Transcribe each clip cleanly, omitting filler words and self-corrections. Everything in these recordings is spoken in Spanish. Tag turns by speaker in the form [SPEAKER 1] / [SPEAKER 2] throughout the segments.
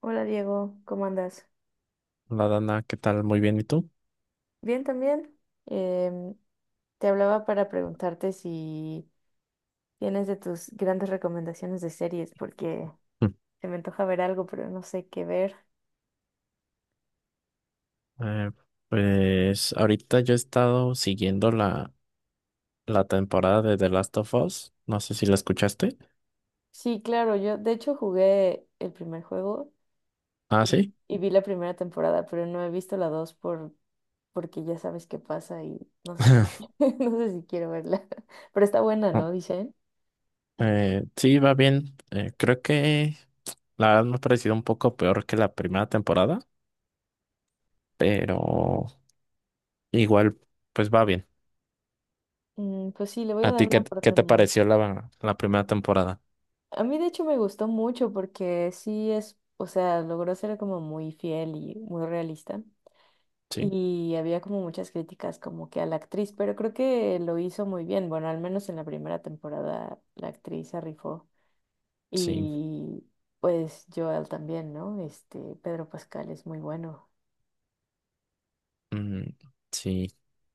[SPEAKER 1] Hola Diego, ¿cómo andas?
[SPEAKER 2] Hola Dana, ¿qué tal? Muy bien, ¿y tú?
[SPEAKER 1] Bien también. Em, Te hablaba para preguntarte si tienes de tus grandes recomendaciones de series, porque
[SPEAKER 2] Mm.
[SPEAKER 1] se me antoja ver algo, pero no sé qué ver.
[SPEAKER 2] Eh, pues ahorita yo he estado siguiendo la temporada de The Last of Us. No sé si la escuchaste.
[SPEAKER 1] Sí, claro, yo de hecho jugué el primer juego
[SPEAKER 2] Ah,
[SPEAKER 1] y,
[SPEAKER 2] sí.
[SPEAKER 1] y vi la primera temporada, pero no he visto la dos, porque ya sabes qué pasa y no sé si, no sé si quiero verla. Pero está buena,
[SPEAKER 2] No,
[SPEAKER 1] ¿no? Dicen.
[SPEAKER 2] sí, va bien. Creo que la verdad me ha parecido un poco peor que la primera temporada, pero igual, pues va bien.
[SPEAKER 1] Mm, pues sí, le voy a
[SPEAKER 2] ¿A
[SPEAKER 1] dar
[SPEAKER 2] ti
[SPEAKER 1] una
[SPEAKER 2] qué te
[SPEAKER 1] oportunidad.
[SPEAKER 2] pareció la primera temporada?
[SPEAKER 1] A mí de hecho me gustó mucho porque sí es, o sea, logró ser como muy fiel y muy realista.
[SPEAKER 2] Sí,
[SPEAKER 1] Y había como muchas críticas como que a la actriz, pero creo que lo hizo muy bien. Bueno, al menos en la primera temporada la actriz se rifó.
[SPEAKER 2] sí,
[SPEAKER 1] Y pues Joel también, ¿no? Este, Pedro Pascal es muy bueno.
[SPEAKER 2] mm, sí.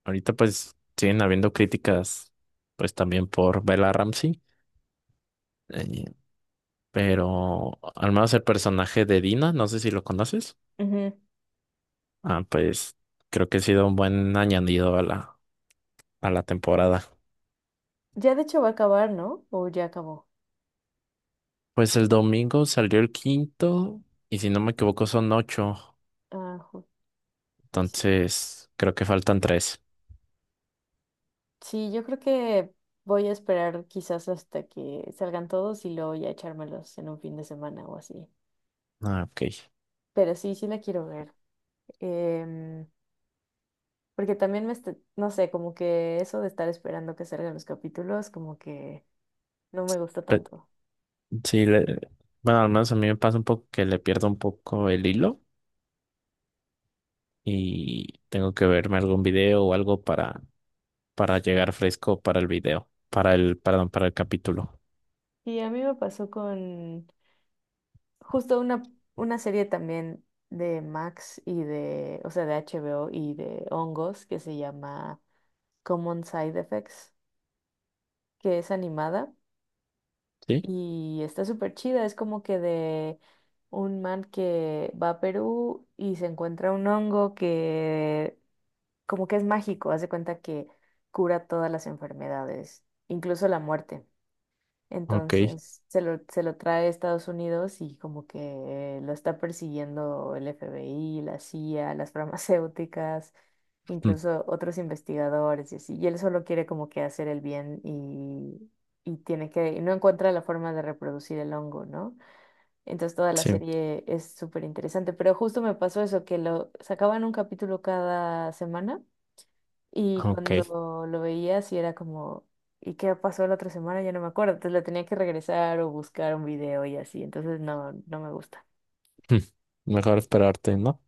[SPEAKER 2] Ahorita pues siguen habiendo críticas, pues también por Bella Ramsey. Eh, pero al menos el personaje de Dina, no sé si lo conoces.
[SPEAKER 1] Ujú.
[SPEAKER 2] Ah, pues creo que ha sido un buen añadido a la temporada.
[SPEAKER 1] Ya de hecho va a acabar, ¿no? O ya acabó.
[SPEAKER 2] Pues el domingo salió el quinto y si no me equivoco son ocho.
[SPEAKER 1] Ah, ju- pues sí.
[SPEAKER 2] Entonces creo que faltan tres.
[SPEAKER 1] Sí, yo creo que voy a esperar quizás hasta que salgan todos y luego ya echármelos en un fin de semana o así.
[SPEAKER 2] Ah, ok.
[SPEAKER 1] Pero sí, sí la quiero ver. Em, Porque también no sé, como que eso de estar esperando que salgan los capítulos, como que no me gusta
[SPEAKER 2] Pe-
[SPEAKER 1] tanto.
[SPEAKER 2] sí, le- bueno, al menos a mí me pasa un poco que le pierdo un poco el hilo y tengo que verme algún video o algo para llegar fresco para el video, para el, perdón, para el capítulo.
[SPEAKER 1] Y a mí me pasó con justo una serie también de Max y de, o sea, de HBO y de hongos que se llama Common Side Effects, que es animada.
[SPEAKER 2] ¿Sí?
[SPEAKER 1] Y está súper chida, es como que de un man que va a Perú y se encuentra un hongo que como que es mágico, hace cuenta que cura todas las enfermedades, incluso la muerte.
[SPEAKER 2] Ok.
[SPEAKER 1] Entonces se lo trae a Estados Unidos y como que lo está persiguiendo el FBI, la CIA, las farmacéuticas,
[SPEAKER 2] Mm,
[SPEAKER 1] incluso otros investigadores y así. Y él solo quiere como que hacer el bien y tiene que, y no encuentra la forma de reproducir el hongo, ¿no? Entonces toda la
[SPEAKER 2] sí,
[SPEAKER 1] serie es súper interesante. Pero justo me pasó eso, que lo sacaban un capítulo cada semana y
[SPEAKER 2] ok.
[SPEAKER 1] cuando lo veía, sí era como, ¿y qué pasó la otra semana? Ya no me acuerdo. Entonces le tenía que regresar o buscar un video y así. Entonces no, no me gusta.
[SPEAKER 2] Mm, Mejor esperarte, ¿no?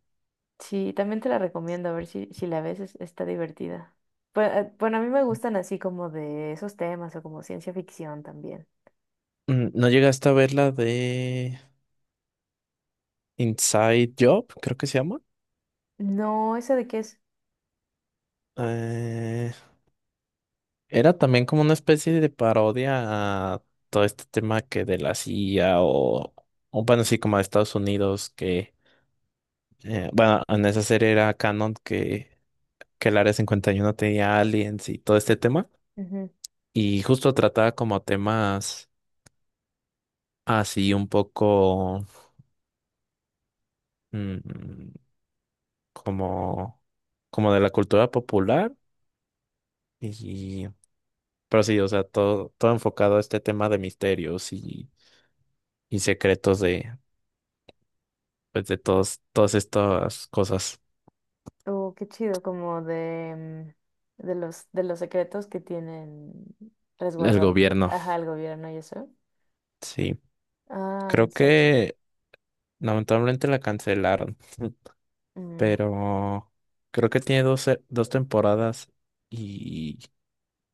[SPEAKER 1] Sí, también te la recomiendo, a ver si, si la ves, está divertida. Pues, bueno, a mí me gustan así como de esos temas o como ciencia ficción también.
[SPEAKER 2] ¿No llegaste a ver la de Inside Job? Creo que se llama.
[SPEAKER 1] No, ¿esa de qué es?
[SPEAKER 2] Eh, Era también como una especie de parodia a todo este tema que de la CIA o bueno, sí, como de Estados Unidos que. Bueno, en esa serie era canon que el Área 51 tenía aliens y todo este tema.
[SPEAKER 1] Ujú.
[SPEAKER 2] Y justo trataba como temas así un poco mm, como, como de la cultura popular. Y, pero sí, o sea, todo, todo enfocado a este tema de misterios y secretos de, pues, de todos, todas estas cosas
[SPEAKER 1] Oh, qué chido, como de, mm, de de los secretos que tienen
[SPEAKER 2] del
[SPEAKER 1] resguardados,
[SPEAKER 2] gobierno.
[SPEAKER 1] ajá, el gobierno y eso.
[SPEAKER 2] Sí,
[SPEAKER 1] Ah,
[SPEAKER 2] creo
[SPEAKER 1] exacto.
[SPEAKER 2] que lamentablemente la cancelaron.
[SPEAKER 1] Mm.
[SPEAKER 2] Pero creo que tiene dos temporadas y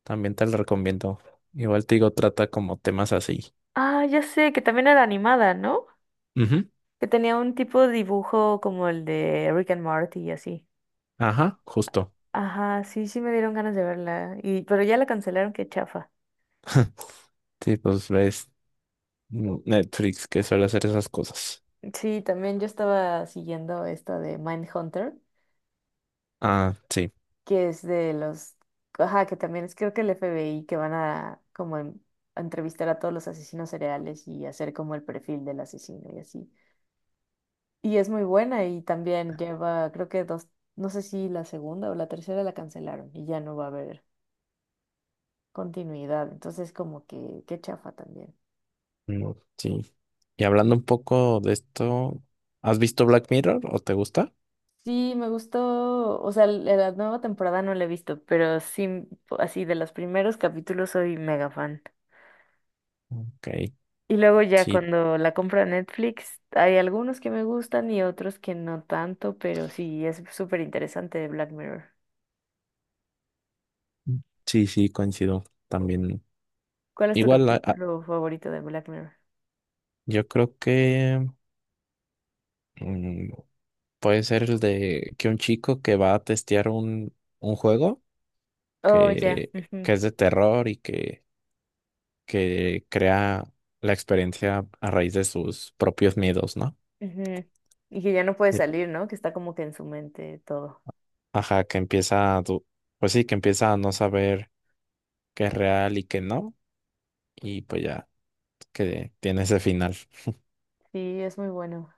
[SPEAKER 2] también te lo recomiendo. Igual te digo, trata como temas así.
[SPEAKER 1] Ah, ya sé, que también era animada, ¿no?
[SPEAKER 2] Ujú,
[SPEAKER 1] Que tenía un tipo de dibujo como el de Rick and Morty y así.
[SPEAKER 2] ajá, justo.
[SPEAKER 1] Ajá, sí, sí me dieron ganas de verla. Y, pero ya la cancelaron, qué chafa.
[SPEAKER 2] Sí, pues ves Netflix que suele hacer esas cosas.
[SPEAKER 1] Sí, también yo estaba siguiendo esta de Mindhunter,
[SPEAKER 2] Ah, sí.
[SPEAKER 1] que es de los, ajá, que también es creo que el FBI que van a como a entrevistar a todos los asesinos cereales y hacer como el perfil del asesino y así. Y es muy buena y también lleva, creo que dos, no sé si la segunda o la tercera la cancelaron y ya no va a haber continuidad. Entonces, como que, qué chafa también.
[SPEAKER 2] Mm, sí. Y hablando un poco de esto, ¿has visto Black Mirror o te gusta?
[SPEAKER 1] Sí, me gustó, o sea, la nueva temporada no la he visto, pero sí, así de los primeros capítulos soy mega fan.
[SPEAKER 2] Ok,
[SPEAKER 1] Y luego ya
[SPEAKER 2] sí,
[SPEAKER 1] cuando la compra Netflix, hay algunos que me gustan y otros que no tanto, pero sí, es súper interesante de Black Mirror.
[SPEAKER 2] sí, sí, coincido también.
[SPEAKER 1] ¿Cuál es tu
[SPEAKER 2] Igual,
[SPEAKER 1] capítulo favorito de Black Mirror?
[SPEAKER 2] yo creo que mm, puede ser el de que un chico que va a testear un juego
[SPEAKER 1] Oh, ya.
[SPEAKER 2] que,
[SPEAKER 1] ujú,
[SPEAKER 2] que es de terror y que crea la experiencia a raíz de sus propios miedos, ¿no?
[SPEAKER 1] ujú. Y que ya no puede
[SPEAKER 2] Y-
[SPEAKER 1] salir, ¿no? Que está como que en su mente todo.
[SPEAKER 2] Ajá, que empieza a, pues sí, que empieza a no saber qué es real y qué no, y pues ya que tiene ese final.
[SPEAKER 1] Sí, es muy bueno.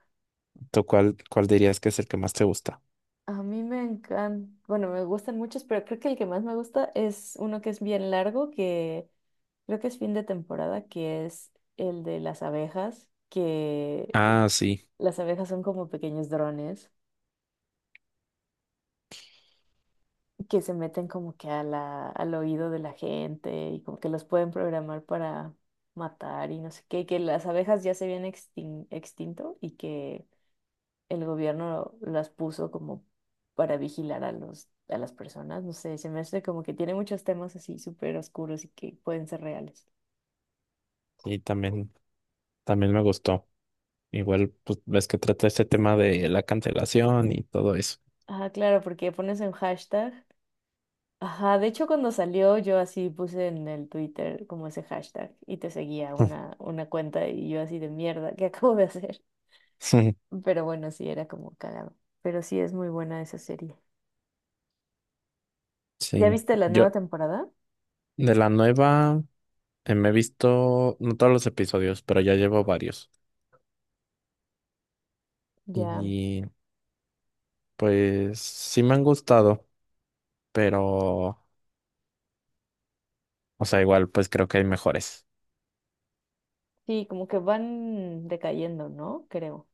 [SPEAKER 2] ¿Tú cuál dirías que es el que más te gusta?
[SPEAKER 1] A mí me encantan, bueno, me gustan muchos, pero creo que el que más me gusta es uno que es bien largo, que creo que es fin de temporada, que es el de las abejas, que
[SPEAKER 2] Ah, sí,
[SPEAKER 1] las abejas son como pequeños drones que se meten como que a al oído de la gente y como que los pueden programar para matar y no sé qué, y que las abejas ya se habían extinto y que el gobierno las puso como para vigilar a a las personas. No sé, se me hace como que tiene muchos temas así súper oscuros y que pueden ser reales.
[SPEAKER 2] y también me gustó. Igual, pues ves que trata este tema de la cancelación y todo eso.
[SPEAKER 1] Ah, claro, porque pones un hashtag. Ajá, de hecho cuando salió yo así puse en el Twitter como ese hashtag y te seguía una cuenta y yo así de mierda, ¿qué acabo de hacer? Pero bueno, sí, era como cagado. Pero sí es muy buena esa serie. ¿Ya
[SPEAKER 2] Sí,
[SPEAKER 1] viste la nueva
[SPEAKER 2] yo
[SPEAKER 1] temporada?
[SPEAKER 2] de la nueva me he visto, no todos los episodios, pero ya llevo varios.
[SPEAKER 1] Ya.
[SPEAKER 2] Y pues sí me han gustado, pero, o sea, igual pues creo que hay mejores.
[SPEAKER 1] Sí, como que van decayendo, ¿no? Creo.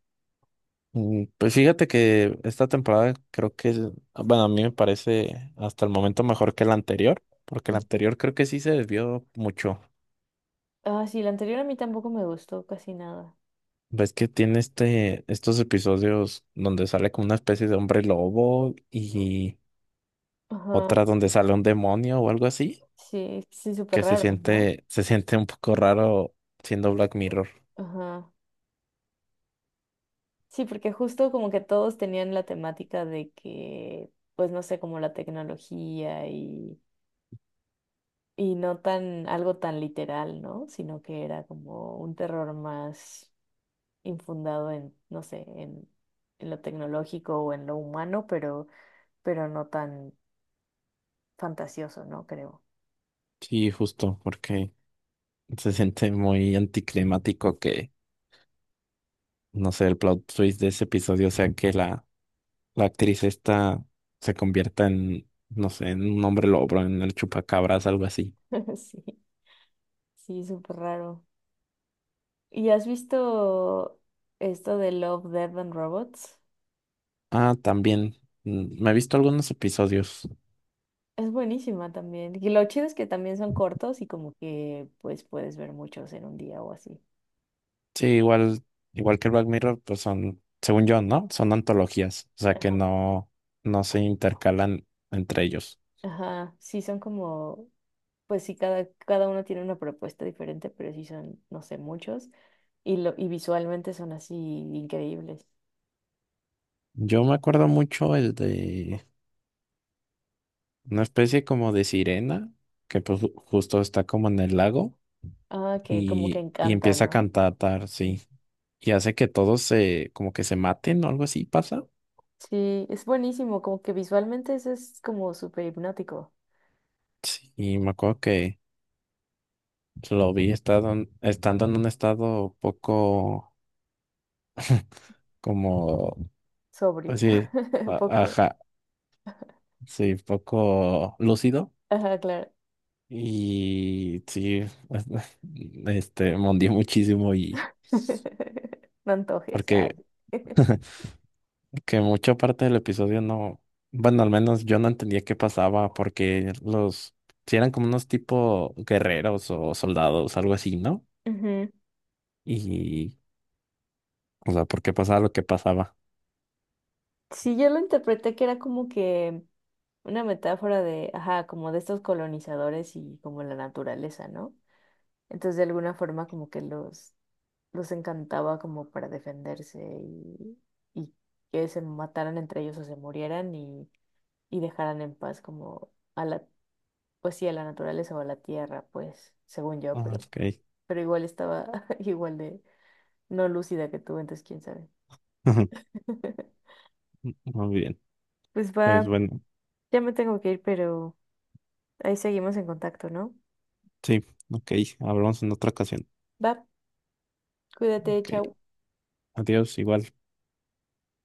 [SPEAKER 2] Pues fíjate que esta temporada creo que, bueno, a mí me parece hasta el momento mejor que la anterior, porque la anterior creo que sí se desvió mucho.
[SPEAKER 1] Ah, sí, la anterior a mí tampoco me gustó casi nada.
[SPEAKER 2] Ves que tiene estos episodios donde sale como una especie de hombre lobo y
[SPEAKER 1] Ajá,
[SPEAKER 2] otra donde sale un demonio o algo así.
[SPEAKER 1] sí, sí, súper
[SPEAKER 2] Que
[SPEAKER 1] raro, ¿no?
[SPEAKER 2] se siente un poco raro siendo Black Mirror.
[SPEAKER 1] Ajá. Sí, porque justo como que todos tenían la temática de que, pues no sé, como la tecnología y no tan, algo tan literal, ¿no? Sino que era como un terror más infundado en, no sé, en lo tecnológico o en lo humano, pero no tan fantasioso, ¿no? Creo.
[SPEAKER 2] Sí, justo, porque se siente muy anticlimático que, no sé, el plot twist de ese episodio sea que la actriz esta se convierta en, no sé, en un hombre lobo, en el chupacabras, algo así.
[SPEAKER 1] Sí, sí, súper raro. ¿Y has visto esto de Love, Death and Robots?
[SPEAKER 2] Ah, también, me he visto algunos episodios.
[SPEAKER 1] Es buenísima también. Y lo chido es que también son cortos y como que pues puedes ver muchos en un día o así.
[SPEAKER 2] Sí, igual que Black Mirror, pues son, según yo, ¿no? Son antologías, o sea que
[SPEAKER 1] Ajá.
[SPEAKER 2] no, no se intercalan entre ellos.
[SPEAKER 1] Ajá, sí son como, pues sí, cada uno tiene una propuesta diferente, pero sí son, no sé, muchos. Y, lo, y visualmente son así increíbles.
[SPEAKER 2] Yo me acuerdo mucho el de una especie como de sirena, que pues justo está como en el lago
[SPEAKER 1] Ah, que como que
[SPEAKER 2] y
[SPEAKER 1] encanta,
[SPEAKER 2] empieza a
[SPEAKER 1] ¿no?
[SPEAKER 2] cantar,
[SPEAKER 1] Mm.
[SPEAKER 2] sí. Y hace que todos como que se maten o algo así pasa.
[SPEAKER 1] Sí, es buenísimo, como que visualmente eso es como súper hipnótico,
[SPEAKER 2] Sí, y me acuerdo que lo vi estando en un estado poco como,
[SPEAKER 1] sobrio,
[SPEAKER 2] así,
[SPEAKER 1] poco.
[SPEAKER 2] ajá, sí, poco lúcido.
[SPEAKER 1] Ajá, claro.
[SPEAKER 2] Y sí, este, me hundió muchísimo y
[SPEAKER 1] No antojes. Ay.
[SPEAKER 2] porque. Que mucha parte del episodio no, bueno, al menos yo no entendía qué pasaba porque si eran como unos tipo guerreros o soldados, algo así, ¿no?
[SPEAKER 1] Ujú.
[SPEAKER 2] Y, o sea, ¿por qué pasaba lo que pasaba?
[SPEAKER 1] Sí, yo lo interpreté que era como que una metáfora de, ajá, como de estos colonizadores y como la naturaleza, ¿no? Entonces, de alguna forma, como que los encantaba como para defenderse y que se mataran entre ellos o se murieran y dejaran en paz como a pues sí, a la naturaleza o a la tierra, pues, según yo,
[SPEAKER 2] Ah, ok.
[SPEAKER 1] pero igual estaba igual de no lúcida que tú, entonces, quién sabe.
[SPEAKER 2] Muy bien.
[SPEAKER 1] Pues
[SPEAKER 2] Pues
[SPEAKER 1] va,
[SPEAKER 2] bueno,
[SPEAKER 1] ya me tengo que ir, pero ahí seguimos en contacto, ¿no?
[SPEAKER 2] sí, ok, hablamos en otra ocasión.
[SPEAKER 1] Va, cuídate,
[SPEAKER 2] Ok,
[SPEAKER 1] chao.
[SPEAKER 2] adiós, igual.